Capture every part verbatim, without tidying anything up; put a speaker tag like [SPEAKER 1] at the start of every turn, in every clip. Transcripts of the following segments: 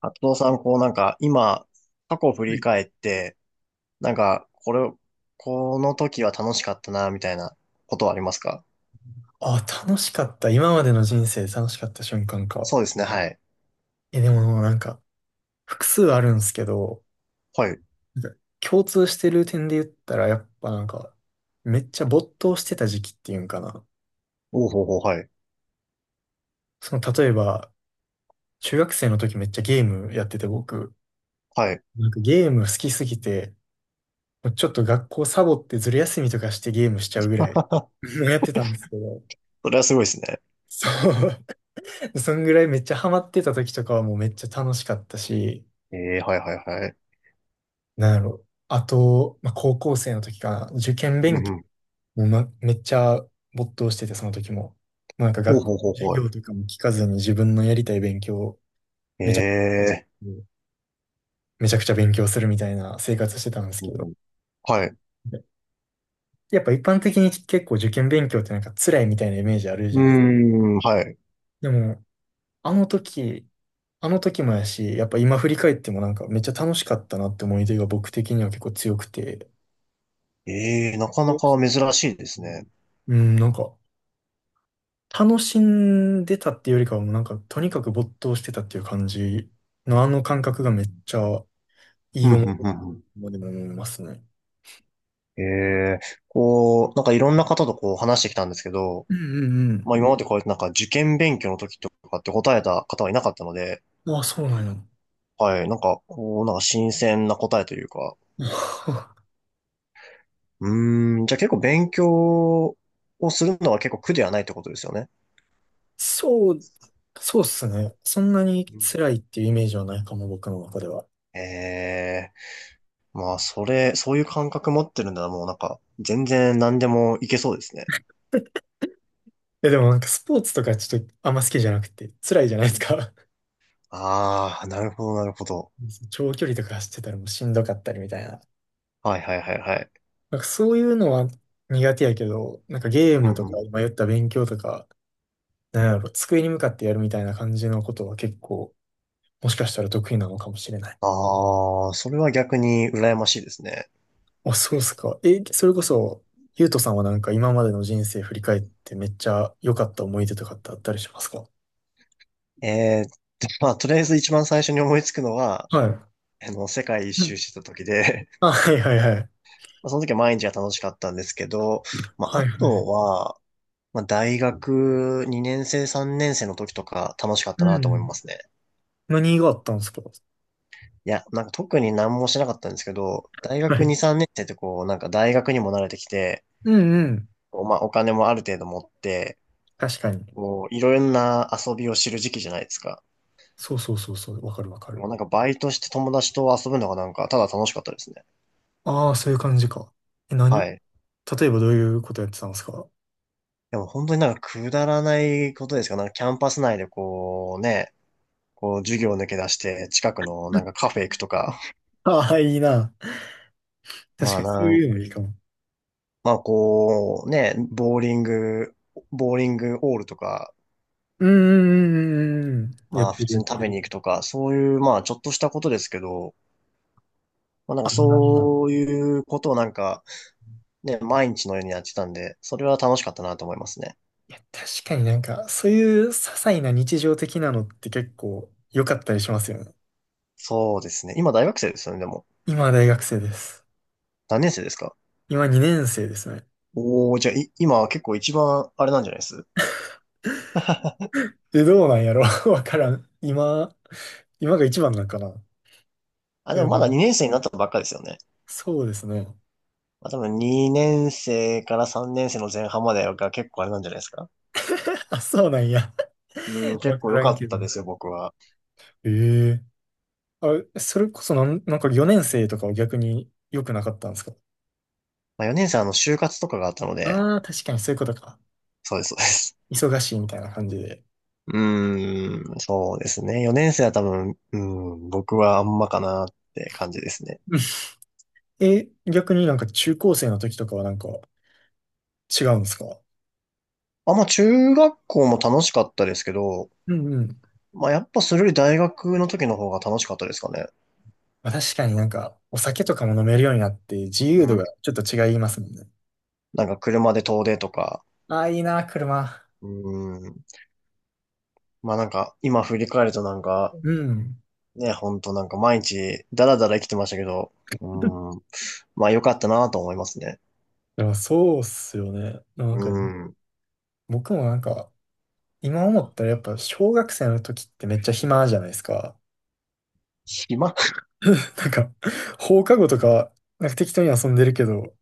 [SPEAKER 1] あとさん、こうなんか今、過去を振
[SPEAKER 2] は
[SPEAKER 1] り
[SPEAKER 2] い。
[SPEAKER 1] 返って、なんか、これ、この時は楽しかったな、みたいなことはありますか？
[SPEAKER 2] あ、楽しかった。今までの人生で楽しかった瞬間か。
[SPEAKER 1] そうですね、はい。
[SPEAKER 2] え、でもなんか、複数あるんですけど、
[SPEAKER 1] はい。
[SPEAKER 2] なんか共通してる点で言ったら、やっぱなんか、めっちゃ没頭してた時期っていうんかな。
[SPEAKER 1] おうほうほう、はい。
[SPEAKER 2] その、例えば、中学生の時めっちゃゲームやってて、僕、
[SPEAKER 1] はい。
[SPEAKER 2] なんかゲーム好きすぎて、ちょっと学校サボってずる休みとかしてゲームしちゃうぐらい やってたんですけど、
[SPEAKER 1] それはすごいですね。
[SPEAKER 2] そう。そんぐらいめっちゃハマってた時とかはもうめっちゃ楽しかったし、
[SPEAKER 1] ええ、はいはいはい。
[SPEAKER 2] なんやろ。あと、まあ、高校生の時かな。受験
[SPEAKER 1] う
[SPEAKER 2] 勉
[SPEAKER 1] んう
[SPEAKER 2] 強
[SPEAKER 1] ん。
[SPEAKER 2] も、ま、めっちゃ没頭してて、その時も。もうなんか
[SPEAKER 1] おう
[SPEAKER 2] 学校
[SPEAKER 1] ほうほ
[SPEAKER 2] の
[SPEAKER 1] う
[SPEAKER 2] 授
[SPEAKER 1] ほう。
[SPEAKER 2] 業とかも聞かずに自分のやりたい勉強をめちゃくち
[SPEAKER 1] ええ、
[SPEAKER 2] ゃ、めちゃくちゃ勉強するみたいな生活してたんです
[SPEAKER 1] う
[SPEAKER 2] け
[SPEAKER 1] ん
[SPEAKER 2] ど。
[SPEAKER 1] うん、はい。う
[SPEAKER 2] で、やっぱ一般的に結構受験勉強ってなんか辛いみたいなイメージあるじ
[SPEAKER 1] ー
[SPEAKER 2] ゃない。
[SPEAKER 1] ん、はい。
[SPEAKER 2] でも、あの時、あの時もやし、やっぱ今振り返ってもなんかめっちゃ楽しかったなって思い出が僕的には結構強くて。
[SPEAKER 1] ええ、なかなか
[SPEAKER 2] う
[SPEAKER 1] 珍しいです
[SPEAKER 2] ん、
[SPEAKER 1] ね。
[SPEAKER 2] うんなんか、楽しんでたっていうよりかはもうなんか、とにかく没頭してたっていう感じのあの感覚がめっちゃい
[SPEAKER 1] う
[SPEAKER 2] い
[SPEAKER 1] んう
[SPEAKER 2] 思い出
[SPEAKER 1] んうんうん。
[SPEAKER 2] でも思いますね。
[SPEAKER 1] ええ、こう、なんかいろんな方とこう話してきたんですけど、
[SPEAKER 2] うんうん
[SPEAKER 1] まあ今までこうやってなんか受験勉強の時とかって答えた方はいなかったので、
[SPEAKER 2] うん。ああ、そうなんや。
[SPEAKER 1] はい、なんかこう、なんか新鮮な答えというか、うーん、じゃあ結構勉強をするのは結構苦ではないってことですよね。
[SPEAKER 2] そう、そうっすね。そんなに
[SPEAKER 1] うん。
[SPEAKER 2] 辛いっていうイメージはないかも、僕の中では。
[SPEAKER 1] ええ、まあそれ、そういう感覚持ってるんならもうなんか全然何でもいけそうですね。
[SPEAKER 2] え、でもなんかスポーツとかちょっとあんま好きじゃなくて、辛いじゃないですか。
[SPEAKER 1] ああ、なるほど、なるほど。
[SPEAKER 2] 長距離とか走ってたらもうしんどかったりみたいな。
[SPEAKER 1] はいはいはいはい。
[SPEAKER 2] なんかそういうのは苦手やけど、なんかゲー
[SPEAKER 1] うん
[SPEAKER 2] ムと
[SPEAKER 1] う
[SPEAKER 2] か、
[SPEAKER 1] ん。
[SPEAKER 2] 今言った勉強とか、なんやろ、机に向かってやるみたいな感じのことは結構、もしかしたら得意なのかもしれない。
[SPEAKER 1] ああ、それは逆に羨ましいですね。
[SPEAKER 2] あ、そうっすか。え、それこそ、ゆうとさんはなんか今までの人生振り返ってめっちゃ良かった思い出とかってあったりしますか？
[SPEAKER 1] ええ、まあとりあえず一番最初に思いつくのは、
[SPEAKER 2] はい。
[SPEAKER 1] あの、世界一
[SPEAKER 2] う
[SPEAKER 1] 周
[SPEAKER 2] ん、
[SPEAKER 1] してた時で、
[SPEAKER 2] あ、はいはいはい。
[SPEAKER 1] まあ、その時は毎日が楽しかったんですけど、まあ、
[SPEAKER 2] は
[SPEAKER 1] あ
[SPEAKER 2] いはい。
[SPEAKER 1] とは、まあ、大学にねん生、さんねん生の時とか楽しかった
[SPEAKER 2] う
[SPEAKER 1] なと思いま
[SPEAKER 2] ん。
[SPEAKER 1] すね。
[SPEAKER 2] 何があったんですか？
[SPEAKER 1] いや、なんか特に何もしなかったんですけど、大
[SPEAKER 2] は
[SPEAKER 1] 学
[SPEAKER 2] い。
[SPEAKER 1] に、さんねん生ってこう、なんか大学にも慣れてきて、
[SPEAKER 2] うんうん。
[SPEAKER 1] こうまあ、お金もある程度持って、
[SPEAKER 2] 確かに。
[SPEAKER 1] こう、いろんな遊びを知る時期じゃないですか。
[SPEAKER 2] そうそうそうそう。わかるわかる。
[SPEAKER 1] もうなんかバイトして友達と遊ぶのがなんか、ただ楽しかったですね。
[SPEAKER 2] ああ、そういう感じか。え、なん、
[SPEAKER 1] はい。
[SPEAKER 2] 例えばどういうことやってたんですか？
[SPEAKER 1] でも本当になんかくだらないことですが、なんかキャンパス内でこうね、こう、授業抜け出して、近くのなんかカフェ行くとか、
[SPEAKER 2] あ あー、いいな。確
[SPEAKER 1] ま
[SPEAKER 2] か
[SPEAKER 1] あ
[SPEAKER 2] にそう
[SPEAKER 1] なん、
[SPEAKER 2] いうのいいかも。
[SPEAKER 1] まあこう、ね、ボーリング、ボーリングオールとか、
[SPEAKER 2] うーん。やっ
[SPEAKER 1] まあ
[SPEAKER 2] て
[SPEAKER 1] 普
[SPEAKER 2] る
[SPEAKER 1] 通
[SPEAKER 2] やっ
[SPEAKER 1] に
[SPEAKER 2] て
[SPEAKER 1] 食べ
[SPEAKER 2] る。
[SPEAKER 1] に行くとか、そういう、まあちょっとしたことですけど、まあなん
[SPEAKER 2] ああ。
[SPEAKER 1] かそういうことをなんか、ね、毎日のようにやってたんで、それは楽しかったなと思いますね。
[SPEAKER 2] いや、確かになんか、そういう些細な日常的なのって結構良かったりしますよね。
[SPEAKER 1] そうですね。今大学生ですよね、でも。
[SPEAKER 2] 今は大学生です。
[SPEAKER 1] 何年生ですか？
[SPEAKER 2] 今に生ですね。
[SPEAKER 1] おー、じゃあ、い、今は結構一番あれなんじゃないです？
[SPEAKER 2] え、どうなんやろ わからん。今、今が一番なんかな。
[SPEAKER 1] あ、で
[SPEAKER 2] で
[SPEAKER 1] もまだ
[SPEAKER 2] も
[SPEAKER 1] にねん生になったばっかですよね。
[SPEAKER 2] そうですね。
[SPEAKER 1] まあ、多分にねん生からさんねん生の前半までが結構あれなんじゃないですか？
[SPEAKER 2] あ、そうなんや。
[SPEAKER 1] うん、
[SPEAKER 2] わ
[SPEAKER 1] 結構
[SPEAKER 2] か
[SPEAKER 1] 良
[SPEAKER 2] ら
[SPEAKER 1] か
[SPEAKER 2] んけ
[SPEAKER 1] っ
[SPEAKER 2] ど。
[SPEAKER 1] たですよ、僕は。
[SPEAKER 2] ええ、あ、それこそなん、なんかよん生とかは逆に良くなかったんですか？
[SPEAKER 1] まあ、よねん生はあの、就活とかがあったので、
[SPEAKER 2] ああー、確かにそういうことか。
[SPEAKER 1] そうです、そうです。
[SPEAKER 2] 忙しいみたいな感じで。
[SPEAKER 1] うーん、そうですね。よねん生は多分、うん、僕はあんまかなって感じですね。
[SPEAKER 2] え、逆になんか中高生の時とかはなんか違うんですか？
[SPEAKER 1] あ、まあ、中学校も楽しかったですけど、
[SPEAKER 2] うんうん。
[SPEAKER 1] まあ、やっぱそれより大学の時の方が楽しかったですかね。
[SPEAKER 2] まあ、確かになんかお酒とかも飲めるようになって自由
[SPEAKER 1] う
[SPEAKER 2] 度
[SPEAKER 1] ん、
[SPEAKER 2] がちょっと違いますもんね。
[SPEAKER 1] なんか車で遠出とか、
[SPEAKER 2] ああ、いいな、車。
[SPEAKER 1] うん、まあなんか今振り返るとなんか
[SPEAKER 2] うん。
[SPEAKER 1] ね、ほんとなんか毎日ダラダラ生きてましたけど、うー ん。まあ良かったなと思いますね。
[SPEAKER 2] でもそうっすよね。なん
[SPEAKER 1] う
[SPEAKER 2] か
[SPEAKER 1] ん。
[SPEAKER 2] 僕もなんか今思ったらやっぱ小学生の時ってめっちゃ暇じゃないですか。
[SPEAKER 1] 暇？
[SPEAKER 2] なんか放課後とかなんか適当に遊んでるけど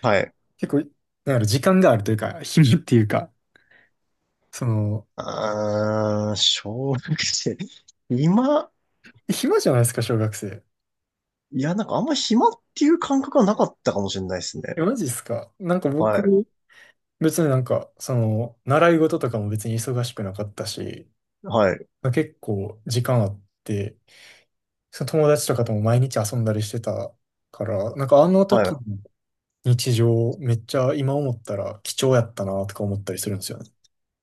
[SPEAKER 1] はい。
[SPEAKER 2] 結構なんやろ時間があるというか暇っていうかその
[SPEAKER 1] あー、小学生。今、
[SPEAKER 2] 暇じゃないですか小学生。
[SPEAKER 1] いや、なんかあんま暇っていう感覚はなかったかもしれないです
[SPEAKER 2] え、
[SPEAKER 1] ね。
[SPEAKER 2] マジっすか？なんか
[SPEAKER 1] は
[SPEAKER 2] 僕、
[SPEAKER 1] い。
[SPEAKER 2] 別になんか、その、習い事とかも別に忙しくなかったし、
[SPEAKER 1] はい。
[SPEAKER 2] 結構時間あって、その友達とかとも毎日遊んだりしてたから、なんかあの
[SPEAKER 1] は
[SPEAKER 2] 時
[SPEAKER 1] い。
[SPEAKER 2] の日常、めっちゃ今思ったら貴重やったなとか思ったりするんですよね。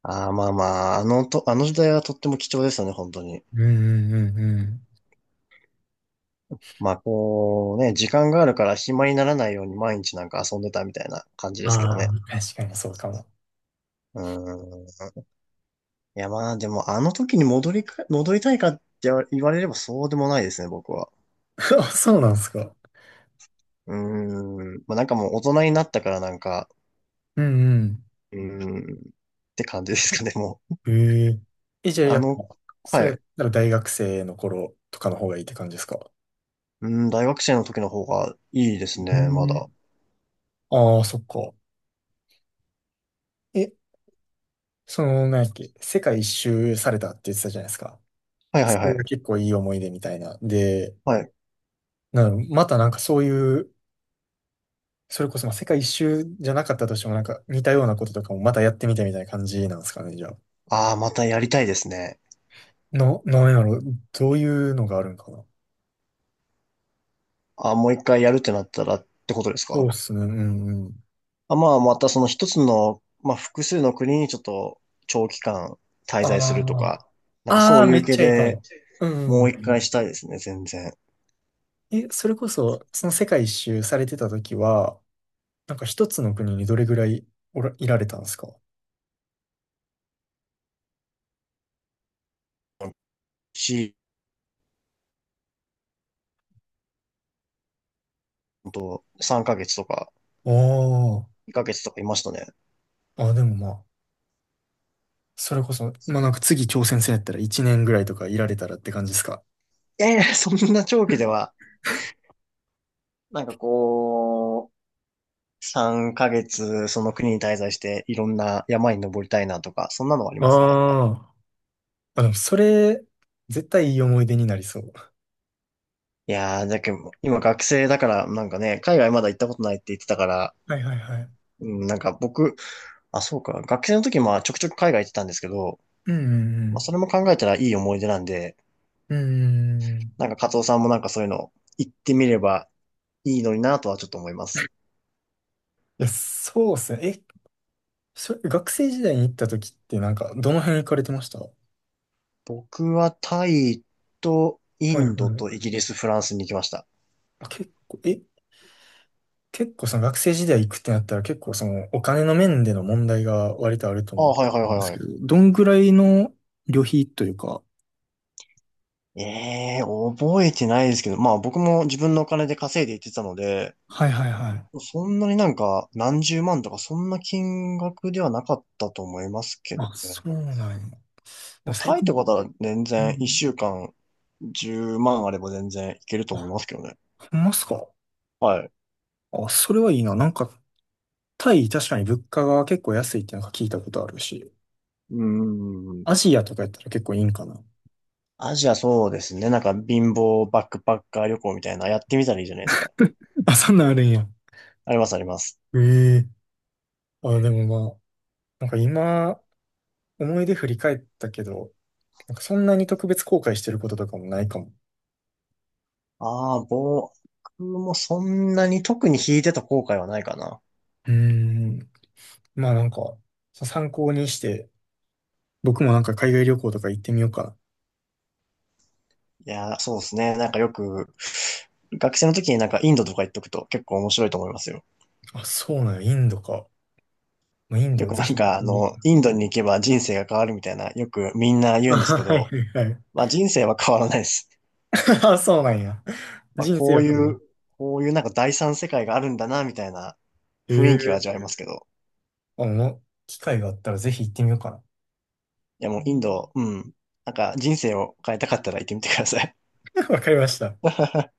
[SPEAKER 1] ああ、まあまあ、あのと、あの時代はとっても貴重でしたね、本当に。
[SPEAKER 2] うんうんうんう
[SPEAKER 1] まあ、こうね、時間があるから暇にならないように毎日なんか遊んでたみたいな感じ
[SPEAKER 2] ん。
[SPEAKER 1] ですけど
[SPEAKER 2] あ
[SPEAKER 1] ね。
[SPEAKER 2] あ、確かにそうかも。
[SPEAKER 1] うん。いや、まあ、でも、あの時に戻りか、戻りたいかって言われればそうでもないですね、僕は。
[SPEAKER 2] あ、そうなんですか。
[SPEAKER 1] うーん。まあ、なんかもう大人になったからなんか、
[SPEAKER 2] うん
[SPEAKER 1] うーん。って感じですかね、もう。
[SPEAKER 2] うん。へえ。え、じゃあ
[SPEAKER 1] あ
[SPEAKER 2] やっぱ、
[SPEAKER 1] の、
[SPEAKER 2] そ
[SPEAKER 1] は
[SPEAKER 2] れや
[SPEAKER 1] い。
[SPEAKER 2] ったら大学生の頃とかの方がいいって感じですか？
[SPEAKER 1] うん、大学生の時の方がいいです
[SPEAKER 2] う
[SPEAKER 1] ね、まだ。
[SPEAKER 2] ん。ああ、そっか。え、その、なんやっけ、世界一周されたって言ってたじゃないですか。
[SPEAKER 1] はいはい
[SPEAKER 2] そ
[SPEAKER 1] は
[SPEAKER 2] れが
[SPEAKER 1] い。
[SPEAKER 2] 結構いい思い出みたいな。で、
[SPEAKER 1] はい。
[SPEAKER 2] なんまたなんかそういう、それこそまあ世界一周じゃなかったとしてもなんか似たようなこととかもまたやってみたみたいな感じなんですかね、じゃあ。
[SPEAKER 1] ああ、またやりたいですね。
[SPEAKER 2] の、なんやろ、どういうのがあるんかな。
[SPEAKER 1] ああ、もう一回やるってなったらってことです
[SPEAKER 2] そう
[SPEAKER 1] か？
[SPEAKER 2] っすね、うんうん。
[SPEAKER 1] あ、まあ、またその一つの、まあ、複数の国にちょっと長期間滞在すると
[SPEAKER 2] あ
[SPEAKER 1] か、なんかそ
[SPEAKER 2] あ、ああ、
[SPEAKER 1] うい
[SPEAKER 2] め
[SPEAKER 1] う
[SPEAKER 2] っ
[SPEAKER 1] 系
[SPEAKER 2] ちゃいいか
[SPEAKER 1] で、
[SPEAKER 2] も。うん
[SPEAKER 1] もう
[SPEAKER 2] うん
[SPEAKER 1] 一
[SPEAKER 2] う
[SPEAKER 1] 回し
[SPEAKER 2] ん。
[SPEAKER 1] たいですね、全然。
[SPEAKER 2] え、それこそ、その世界一周されてた時は、なんか一つの国にどれぐらいおら、いられたんですか？
[SPEAKER 1] し、ほんと、さんかげつとか、
[SPEAKER 2] ああー。
[SPEAKER 1] にかげつとかいましたね。
[SPEAKER 2] あ、でもまあ、それこそ、まあなんか次挑戦戦やったらいちぐらいとかいられたらって感じですか。
[SPEAKER 1] いやいや、そんな長期では、なんかこう、さんかげつ、その国に滞在して、いろんな山に登りたいなとか、そんなのはあり
[SPEAKER 2] あ
[SPEAKER 1] ますね。
[SPEAKER 2] あ、あ、でもそれ、絶対いい思い出になりそう。
[SPEAKER 1] いやー、だけど、今学生だから、なんかね、海外まだ行ったことないって言ってたから、
[SPEAKER 2] はいはいはい。
[SPEAKER 1] うん、なんか僕、あ、そうか、学生の時まあちょくちょく海外行ってたんですけど、
[SPEAKER 2] うんう
[SPEAKER 1] まあ
[SPEAKER 2] ん
[SPEAKER 1] それも考えたらいい思い出なんで、
[SPEAKER 2] うん。うーん。い
[SPEAKER 1] なんかカツさんもなんかそういうの行ってみればいいのになとはちょっと思います。
[SPEAKER 2] や、そうっすね。え、それ、学生時代に行った時ってなんか、どの辺行かれてましたは？
[SPEAKER 1] 僕はタイとイ
[SPEAKER 2] いは
[SPEAKER 1] ンド
[SPEAKER 2] い。
[SPEAKER 1] とイギリス、フランスに行きました。
[SPEAKER 2] あ、結構、え、結構その学生時代行くってなったら結構そのお金の面での問題が割とあると
[SPEAKER 1] あ
[SPEAKER 2] 思
[SPEAKER 1] あ、はいはい
[SPEAKER 2] うん
[SPEAKER 1] はい
[SPEAKER 2] です
[SPEAKER 1] は
[SPEAKER 2] け
[SPEAKER 1] い。
[SPEAKER 2] ど、どんぐらいの旅費というか、
[SPEAKER 1] ええー、覚えてないですけど、まあ僕も自分のお金で稼いで行ってたので、
[SPEAKER 2] はいはいはい。
[SPEAKER 1] そんなになんか何十万とかそんな金額ではなかったと思いますけど
[SPEAKER 2] あ、そ
[SPEAKER 1] ね。
[SPEAKER 2] うなんや。で
[SPEAKER 1] も
[SPEAKER 2] も
[SPEAKER 1] う
[SPEAKER 2] 最
[SPEAKER 1] タイって
[SPEAKER 2] 近、
[SPEAKER 1] ことは全
[SPEAKER 2] う
[SPEAKER 1] 然一
[SPEAKER 2] ん。
[SPEAKER 1] 週間じゅうまんあれば全然いけると思い
[SPEAKER 2] あ、
[SPEAKER 1] ますけどね。
[SPEAKER 2] ほんますか？
[SPEAKER 1] はい。
[SPEAKER 2] あ、それはいいな。なんか、タイ、確かに物価が結構安いってなんか聞いたことあるし、
[SPEAKER 1] うーん。
[SPEAKER 2] アジアとかやったら結構いいんかな。
[SPEAKER 1] アジア、そうですね。なんか貧乏バックパッカー旅行みたいなやってみたらいいじゃないですか。
[SPEAKER 2] あ、そんなんあるんや。
[SPEAKER 1] あります、あります。
[SPEAKER 2] ええ、あ、でもまあ、なんか今、思い出振り返ったけど、なんかそんなに特別後悔してることとかもないかも。
[SPEAKER 1] ああ、僕もそんなに特に弾いてた後悔はないかな。
[SPEAKER 2] うーん。まあなんか、そ参考にして、僕もなんか海外旅行とか行ってみようか
[SPEAKER 1] いやー、そうですね。なんかよく、学生の時になんかインドとか行っとくと結構面白いと思いますよ。
[SPEAKER 2] な。あ、そうなんや、インドか。まあ、イン
[SPEAKER 1] よ
[SPEAKER 2] ド
[SPEAKER 1] く
[SPEAKER 2] ぜ
[SPEAKER 1] なん
[SPEAKER 2] ひ。
[SPEAKER 1] かあ
[SPEAKER 2] うん、
[SPEAKER 1] の、インドに行けば人生が変わるみたいな、よくみんな言う
[SPEAKER 2] あ
[SPEAKER 1] んですけ
[SPEAKER 2] はい
[SPEAKER 1] ど、
[SPEAKER 2] はいはい。
[SPEAKER 1] まあ人生は変わらないです。
[SPEAKER 2] あ、そうなんや。
[SPEAKER 1] まあ
[SPEAKER 2] 人生
[SPEAKER 1] こう
[SPEAKER 2] や
[SPEAKER 1] い
[SPEAKER 2] からな。
[SPEAKER 1] う、こういうなんか第三世界があるんだな、みたいな雰囲気は味
[SPEAKER 2] え
[SPEAKER 1] わ
[SPEAKER 2] え、
[SPEAKER 1] えますけど。
[SPEAKER 2] あ、もう、機会があったらぜひ行ってみようか
[SPEAKER 1] いやもうインド、うん。なんか人生を変えたかったら行ってみてください。
[SPEAKER 2] な。わかりました。